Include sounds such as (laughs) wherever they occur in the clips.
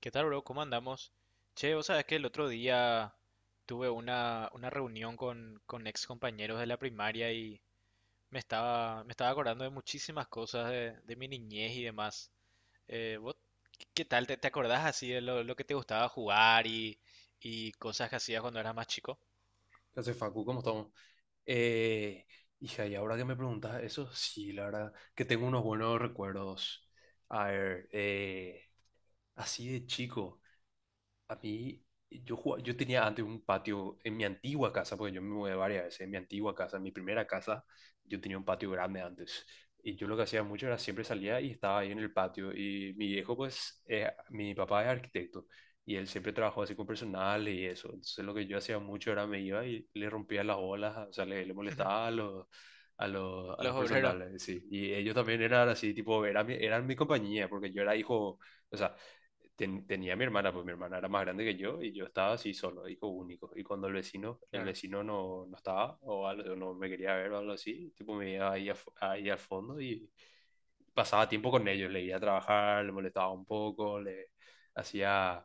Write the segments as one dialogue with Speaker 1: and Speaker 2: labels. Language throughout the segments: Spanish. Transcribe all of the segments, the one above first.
Speaker 1: ¿Qué tal, bro? ¿Cómo andamos? Che, vos sabés que el otro día tuve una reunión con ex compañeros de la primaria y me estaba acordando de muchísimas cosas de mi niñez y demás. ¿Vos qué tal? ¿Te acordás así de lo que te gustaba jugar y cosas que hacías cuando eras más chico?
Speaker 2: ¿Qué hace Facu? ¿Cómo estamos? Eh, hija, y ahora que me preguntas eso, sí, la verdad, que tengo unos buenos recuerdos. A ver, así de chico. A mí, yo, yo tenía antes un patio en mi antigua casa, porque yo me mudé varias veces, en mi antigua casa, en mi primera casa, yo tenía un patio grande antes. Y yo lo que hacía mucho era siempre salía y estaba ahí en el patio. Y mi viejo, pues, mi papá es arquitecto y él siempre trabajó así con personal y eso. Entonces lo que yo hacía mucho era me iba y le rompía las bolas, o sea, le molestaba
Speaker 1: (laughs)
Speaker 2: a los, a los
Speaker 1: Los obreros,
Speaker 2: personales, sí. Y ellos también eran así, tipo, eran mi compañía, porque yo era hijo, o sea tenía a mi hermana, pues mi hermana era más grande que yo y yo estaba así solo, hijo único. Y cuando el vecino, el
Speaker 1: claro.
Speaker 2: vecino no estaba o algo, no me quería ver o algo así, tipo me iba ahí, ahí al fondo y pasaba tiempo con ellos, le iba a trabajar, le molestaba un poco, le hacía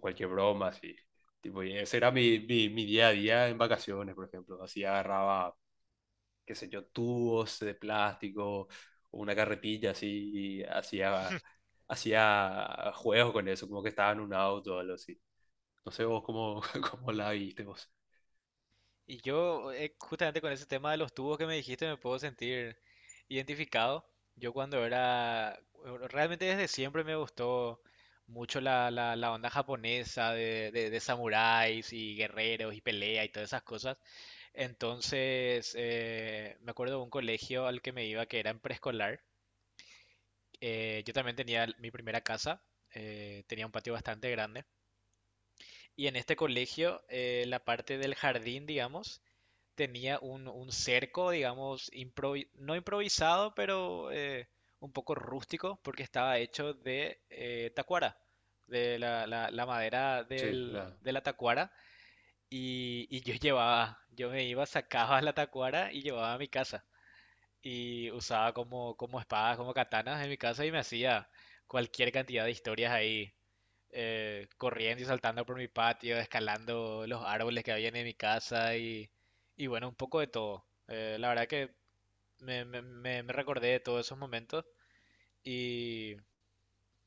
Speaker 2: cualquier broma así. Tipo, y ese era mi día a día en vacaciones, por ejemplo. Así agarraba qué sé yo, tubos de plástico, una carretilla así, y hacía juegos con eso, como que estaba en un auto o algo así. No sé vos cómo, (laughs) cómo la viste vos.
Speaker 1: Y yo, justamente con ese tema de los tubos que me dijiste, me puedo sentir identificado. Yo cuando era, bueno, realmente desde siempre me gustó mucho la onda japonesa de samuráis y guerreros y pelea y todas esas cosas. Entonces, me acuerdo de un colegio al que me iba que era en preescolar. Yo también tenía mi primera casa, tenía un patio bastante grande. Y en este colegio, la parte del jardín, digamos, tenía un cerco, digamos, no improvisado, pero un poco rústico, porque estaba hecho de tacuara, de la madera
Speaker 2: Sí, la.
Speaker 1: de la tacuara, y yo me iba, sacaba la tacuara y llevaba a mi casa y usaba como, como espadas, como katanas en mi casa y me hacía cualquier cantidad de historias ahí, corriendo y saltando por mi patio, escalando los árboles que había en mi casa y bueno, un poco de todo. La verdad que me recordé de todos esos momentos y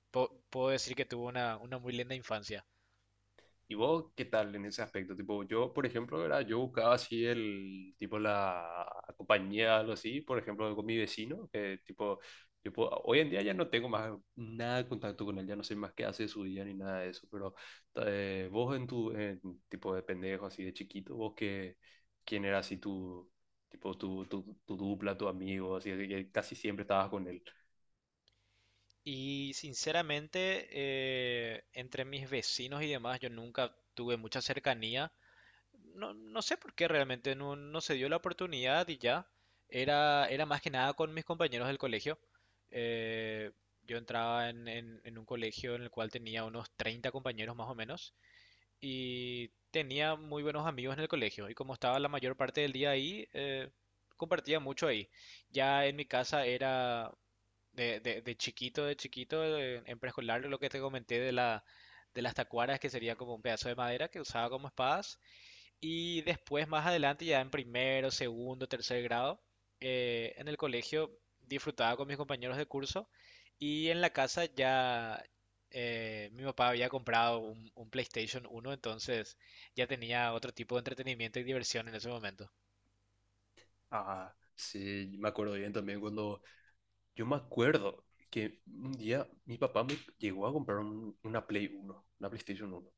Speaker 1: puedo decir que tuve una muy linda infancia.
Speaker 2: ¿Y vos qué tal en ese aspecto? Tipo, yo, por ejemplo, ¿verdad? Yo buscaba así el, tipo, la compañía, algo así, por ejemplo, con mi vecino, que tipo, hoy en día ya no tengo más nada de contacto con él, ya no sé más qué hace de su día ni nada de eso, pero vos en tu, en, tipo de pendejo, así de chiquito, vos qué, quién era así tu, tipo, tu dupla, tu amigo, así, de que casi siempre estabas con él.
Speaker 1: Y sinceramente, entre mis vecinos y demás, yo nunca tuve mucha cercanía. No, no sé por qué realmente no se dio la oportunidad y ya. Era más que nada con mis compañeros del colegio. Eh, yo entraba en un colegio en el cual tenía unos 30 compañeros más o menos y tenía muy buenos amigos en el colegio. Y como estaba la mayor parte del día ahí, compartía mucho ahí. Ya en mi casa era de chiquito, en preescolar, lo que te comenté de las tacuaras, que sería como un pedazo de madera que usaba como espadas. Y después, más adelante, ya en primero, segundo, tercer grado, en el colegio disfrutaba con mis compañeros de curso y en la casa ya mi papá había comprado un PlayStation 1, entonces ya tenía otro tipo de entretenimiento y diversión en ese momento.
Speaker 2: Ah, sí, me acuerdo bien también cuando yo me acuerdo que un día mi papá me llegó a comprar una Play uno, una PlayStation 1.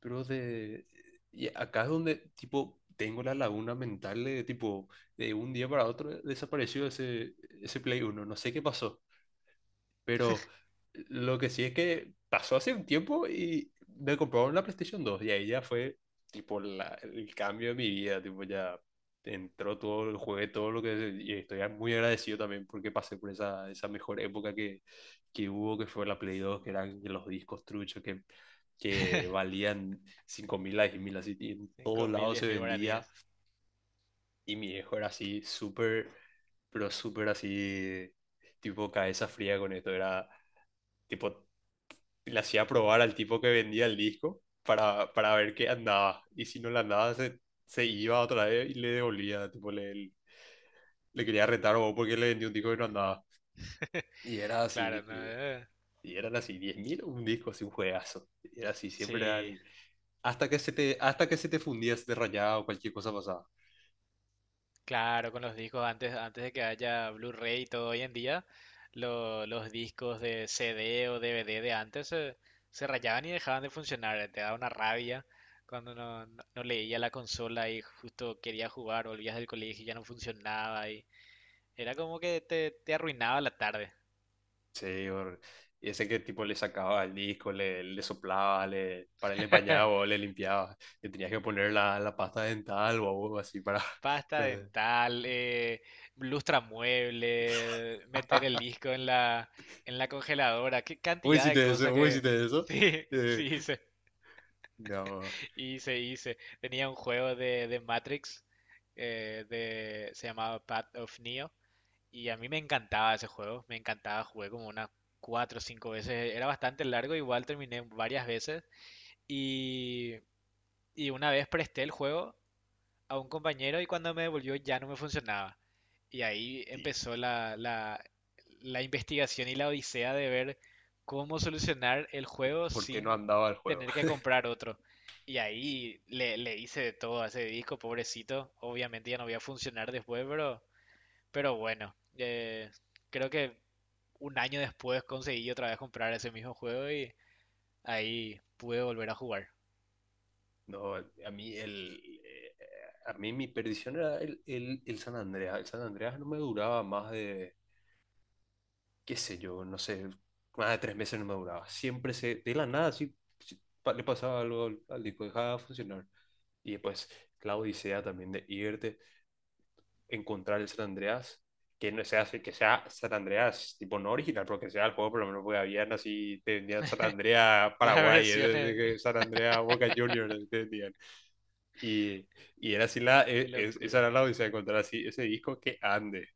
Speaker 2: Pero de... Y acá es donde, tipo, tengo la laguna mental de, tipo, de un día para otro desapareció ese Play 1. No sé qué pasó. Pero lo que sí es que pasó hace un tiempo y me compraron la PlayStation 2 y ahí ya fue tipo el cambio de mi vida, tipo ya entró todo el juego todo lo que y estoy muy agradecido también porque pasé por esa mejor época que hubo, que fue la Play 2, que eran los discos truchos que
Speaker 1: (laughs)
Speaker 2: valían 5.000 a 10.000, así y en
Speaker 1: Cinco
Speaker 2: todos
Speaker 1: mil,
Speaker 2: lados se
Speaker 1: diez mil
Speaker 2: vendía.
Speaker 1: guaraníes.
Speaker 2: Y mi viejo era así súper, pero súper así, tipo cabeza fría con esto, era tipo le hacía probar al tipo que vendía el disco para ver qué andaba. Y si no le andaba, se iba otra vez y le devolvía. Tipo, le quería retar o porque le vendió un disco que no andaba. Y era
Speaker 1: Claro, no,
Speaker 2: así. Y eran así 10.000 un disco, así un juegazo. Y era así, siempre era
Speaker 1: sí.
Speaker 2: hasta que se te fundía, se te rayaba o cualquier cosa pasaba.
Speaker 1: Claro, con los discos, antes de que haya Blu-ray y todo hoy en día, los discos de CD o DVD de antes se rayaban y dejaban de funcionar. Te daba una rabia cuando no leía la consola y justo quería jugar, volvías del colegio y ya no funcionaba. Y era como que te arruinaba la tarde.
Speaker 2: Sí, y ese que tipo le sacaba el disco, le soplaba, para él le bañaba o
Speaker 1: (laughs)
Speaker 2: le limpiaba. Le tenías que poner la pasta dental o algo así para... (laughs)
Speaker 1: Pasta
Speaker 2: no sé.
Speaker 1: dental, mueble, meter el disco en en la congeladora. Qué
Speaker 2: Vos
Speaker 1: cantidad de
Speaker 2: hiciste eso,
Speaker 1: cosas
Speaker 2: vos
Speaker 1: que...
Speaker 2: hiciste eso.
Speaker 1: (laughs)
Speaker 2: Eh,
Speaker 1: Sí, sí.
Speaker 2: no,
Speaker 1: Hice. Tenía un juego de Matrix, se llamaba Path of Neo, y a mí me encantaba ese juego, me encantaba, jugué como unas cuatro o cinco veces, era bastante largo, igual terminé varias veces, y, y una vez presté el juego a un compañero y cuando me devolvió ya no me funcionaba. Y ahí
Speaker 2: sí,
Speaker 1: empezó la investigación y la odisea de ver cómo solucionar el juego
Speaker 2: ¿por qué no
Speaker 1: sin
Speaker 2: andaba el juego?
Speaker 1: tener que
Speaker 2: (laughs)
Speaker 1: comprar otro. Y ahí le hice de todo a ese disco, pobrecito. Obviamente ya no voy a funcionar después, pero, bueno, creo que un año después conseguí otra vez comprar ese mismo juego y ahí pude volver a jugar. (laughs)
Speaker 2: No, a mí a mí mi perdición era el San Andreas. El San Andreas no me duraba más de, qué sé yo, no sé, más de 3 meses no me duraba. Siempre se, de la nada, sí, sí, le pasaba algo al disco, dejaba de funcionar. Y después la Odisea también de irte encontrar el San Andreas, que no sea, que sea San Andreas, tipo no original, pero que sea el juego, por lo menos porque habían así, te vendían San Andreas
Speaker 1: Las
Speaker 2: Paraguay,
Speaker 1: versiones,
Speaker 2: San Andreas Boca Juniors, te vendían. Y, y era así
Speaker 1: qué
Speaker 2: esa
Speaker 1: locura.
Speaker 2: era la odisea, de encontrar así ese disco que ande,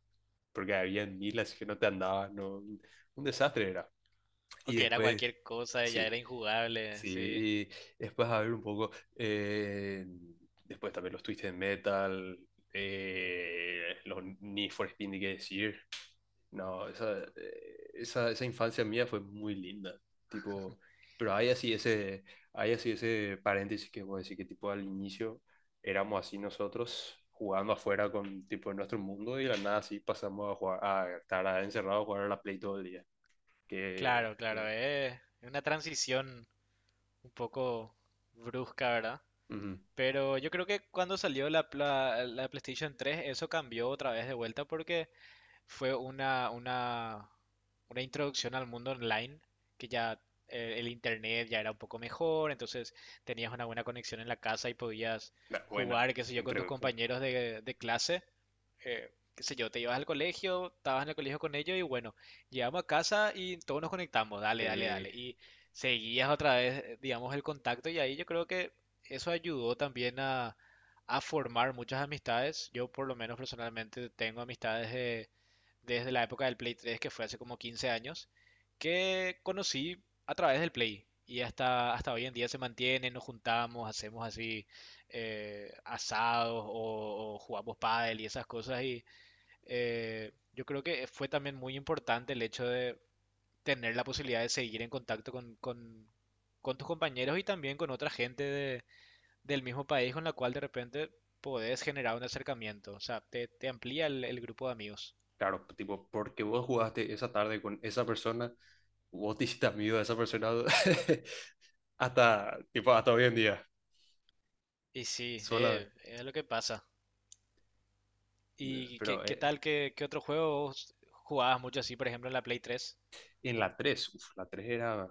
Speaker 2: porque había mil así que no te andaba, no, un desastre era.
Speaker 1: O
Speaker 2: Y
Speaker 1: era
Speaker 2: después,
Speaker 1: cualquier cosa y ya era
Speaker 2: sí.
Speaker 1: injugable,
Speaker 2: Sí,
Speaker 1: sí.
Speaker 2: y después, a ver un poco, después también los Twisted Metal, los Need for Speed, ni qué decir. No, esa infancia mía fue muy linda, tipo, pero hay así ese paréntesis que voy a decir que tipo al inicio éramos así nosotros jugando afuera con tipo en nuestro mundo y de la nada así pasamos a jugar, a estar encerrados a jugar a la Play todo el día, que,
Speaker 1: Claro, claro,
Speaker 2: que-
Speaker 1: es una transición un poco brusca, ¿verdad?
Speaker 2: ujú.
Speaker 1: Pero yo creo que cuando salió la PlayStation 3 eso cambió otra vez de vuelta porque fue una introducción al mundo online, que ya el internet ya era un poco mejor, entonces tenías una buena conexión en la casa y podías
Speaker 2: Nah, buena,
Speaker 1: jugar, qué sé yo, con
Speaker 2: entre,
Speaker 1: tus compañeros de clase. Qué sé yo, te ibas al colegio, estabas en el colegio con ellos y bueno, llegamos a casa y todos nos conectamos, dale, dale,
Speaker 2: Eh,
Speaker 1: dale. Y seguías otra vez, digamos, el contacto y ahí yo creo que eso ayudó también a, formar muchas amistades. Yo por lo menos personalmente tengo amistades de desde la época del Play 3, que fue hace como 15 años, que conocí a través del Play. Y hasta hoy en día se mantiene, nos juntamos, hacemos así asados o jugamos pádel y esas cosas. Y yo creo que fue también muy importante el hecho de tener la posibilidad de seguir en contacto con, con tus compañeros y también con otra gente del mismo país con la cual de repente podés generar un acercamiento. O sea, te amplía el grupo de amigos.
Speaker 2: claro, tipo, porque vos jugaste esa tarde con esa persona, vos te hiciste amigo de esa persona (laughs) hasta, tipo, hasta hoy en día,
Speaker 1: Y sí,
Speaker 2: sola.
Speaker 1: es lo que pasa. ¿Y
Speaker 2: Pero
Speaker 1: qué tal? ¿Qué otro juego vos jugabas mucho así, por ejemplo, en la Play 3?
Speaker 2: en la tres, uf, la 3 era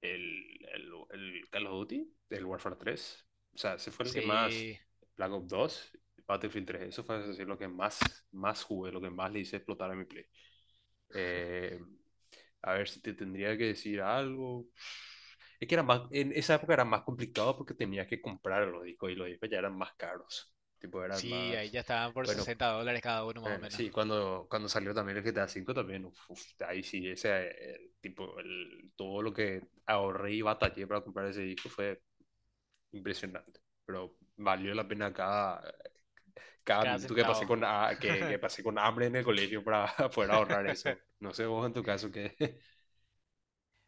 Speaker 2: el Call of Duty, el Warfare 3. O sea, ese fue el que más,
Speaker 1: Sí,
Speaker 2: Black Ops 2, Battlefield 3, eso fue así, lo que más, jugué, lo que más le hice explotar a mi play. Eh, a ver si te tendría que decir algo. Es que era más, en esa época era más complicado porque tenías que comprar los discos y los discos ya eran más caros. Tipo, eran
Speaker 1: sí, ahí
Speaker 2: más.
Speaker 1: ya estaban por
Speaker 2: Bueno,
Speaker 1: 60 dólares cada uno más o
Speaker 2: bueno,
Speaker 1: menos.
Speaker 2: sí, cuando salió también el GTA 5 también, uf, uf, ahí sí, ese, el tipo, todo lo que ahorré y batallé para comprar ese disco fue impresionante. Pero valió la pena cada
Speaker 1: Cada
Speaker 2: minuto que pasé
Speaker 1: centavo.
Speaker 2: que
Speaker 1: (laughs)
Speaker 2: pasé con hambre en el colegio para (laughs) poder ahorrar eso. No sé vos en tu caso qué.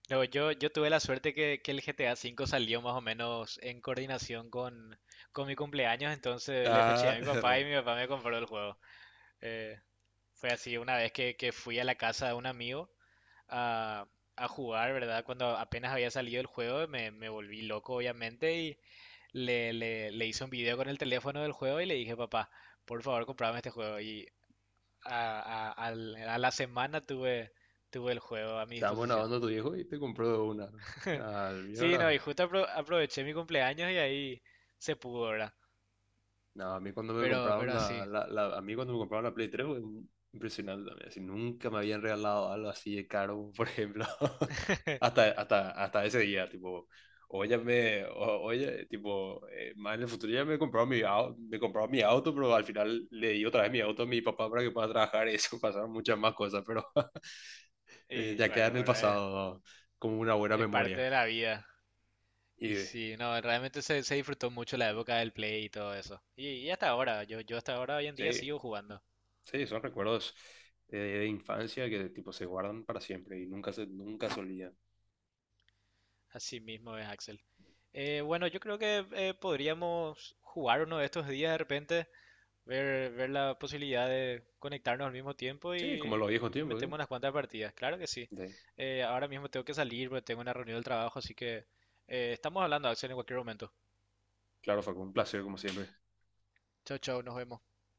Speaker 1: No, yo, tuve la suerte que el GTA V salió más o menos en coordinación con mi cumpleaños, entonces le peché a
Speaker 2: Ah,
Speaker 1: mi
Speaker 2: (laughs)
Speaker 1: papá y
Speaker 2: re.
Speaker 1: mi papá me compró el juego. Eh, Fue así una vez que fui a la casa de un amigo a, a jugar, ¿verdad? Cuando apenas había salido el juego, me volví loco, obviamente, y le hice un video con el teléfono del juego y le dije, papá, por favor, comprame este juego. Y a la semana tuve el juego a mi
Speaker 2: Estábamos
Speaker 1: disposición.
Speaker 2: grabando a tu viejo y te compró una.
Speaker 1: (laughs)
Speaker 2: Al mío
Speaker 1: Sí, no, y
Speaker 2: ahora.
Speaker 1: justo aproveché mi cumpleaños y ahí se pudo, ¿verdad?
Speaker 2: No, a mí cuando me
Speaker 1: Pero,
Speaker 2: compraron
Speaker 1: pero así.
Speaker 2: la Play 3 fue impresionante también. Así, nunca me habían regalado algo así de caro, por ejemplo. (laughs) Hasta,
Speaker 1: (laughs)
Speaker 2: hasta, hasta ese día, tipo, oye, oye, tipo, más en el futuro ya me compraron mi auto, pero al final le di otra vez mi auto a mi papá para que pueda trabajar y eso (laughs) pasaron muchas más cosas, pero (laughs)
Speaker 1: Y
Speaker 2: ya queda
Speaker 1: bueno,
Speaker 2: en el
Speaker 1: pero es,
Speaker 2: pasado como una buena
Speaker 1: es parte
Speaker 2: memoria.
Speaker 1: de la vida. Y
Speaker 2: Y,
Speaker 1: sí, no, realmente se disfrutó mucho la época del Play y todo eso. Y hasta ahora, yo, hasta ahora hoy en día
Speaker 2: sí,
Speaker 1: sigo jugando.
Speaker 2: sí, son recuerdos de infancia que tipo se guardan para siempre y nunca se olvidan.
Speaker 1: Así mismo es, Axel. Bueno, yo creo que podríamos jugar uno de estos días de repente, ver la posibilidad de conectarnos al mismo tiempo
Speaker 2: Sí, como
Speaker 1: y
Speaker 2: en los viejos
Speaker 1: le
Speaker 2: tiempos, ¿sí?
Speaker 1: metemos unas cuantas partidas. Claro que sí.
Speaker 2: Sí.
Speaker 1: Ahora mismo tengo que salir porque tengo una reunión del trabajo, así que estamos hablando, Axel, en cualquier momento.
Speaker 2: Claro, fue un placer como siempre.
Speaker 1: Chao, chao, nos vemos.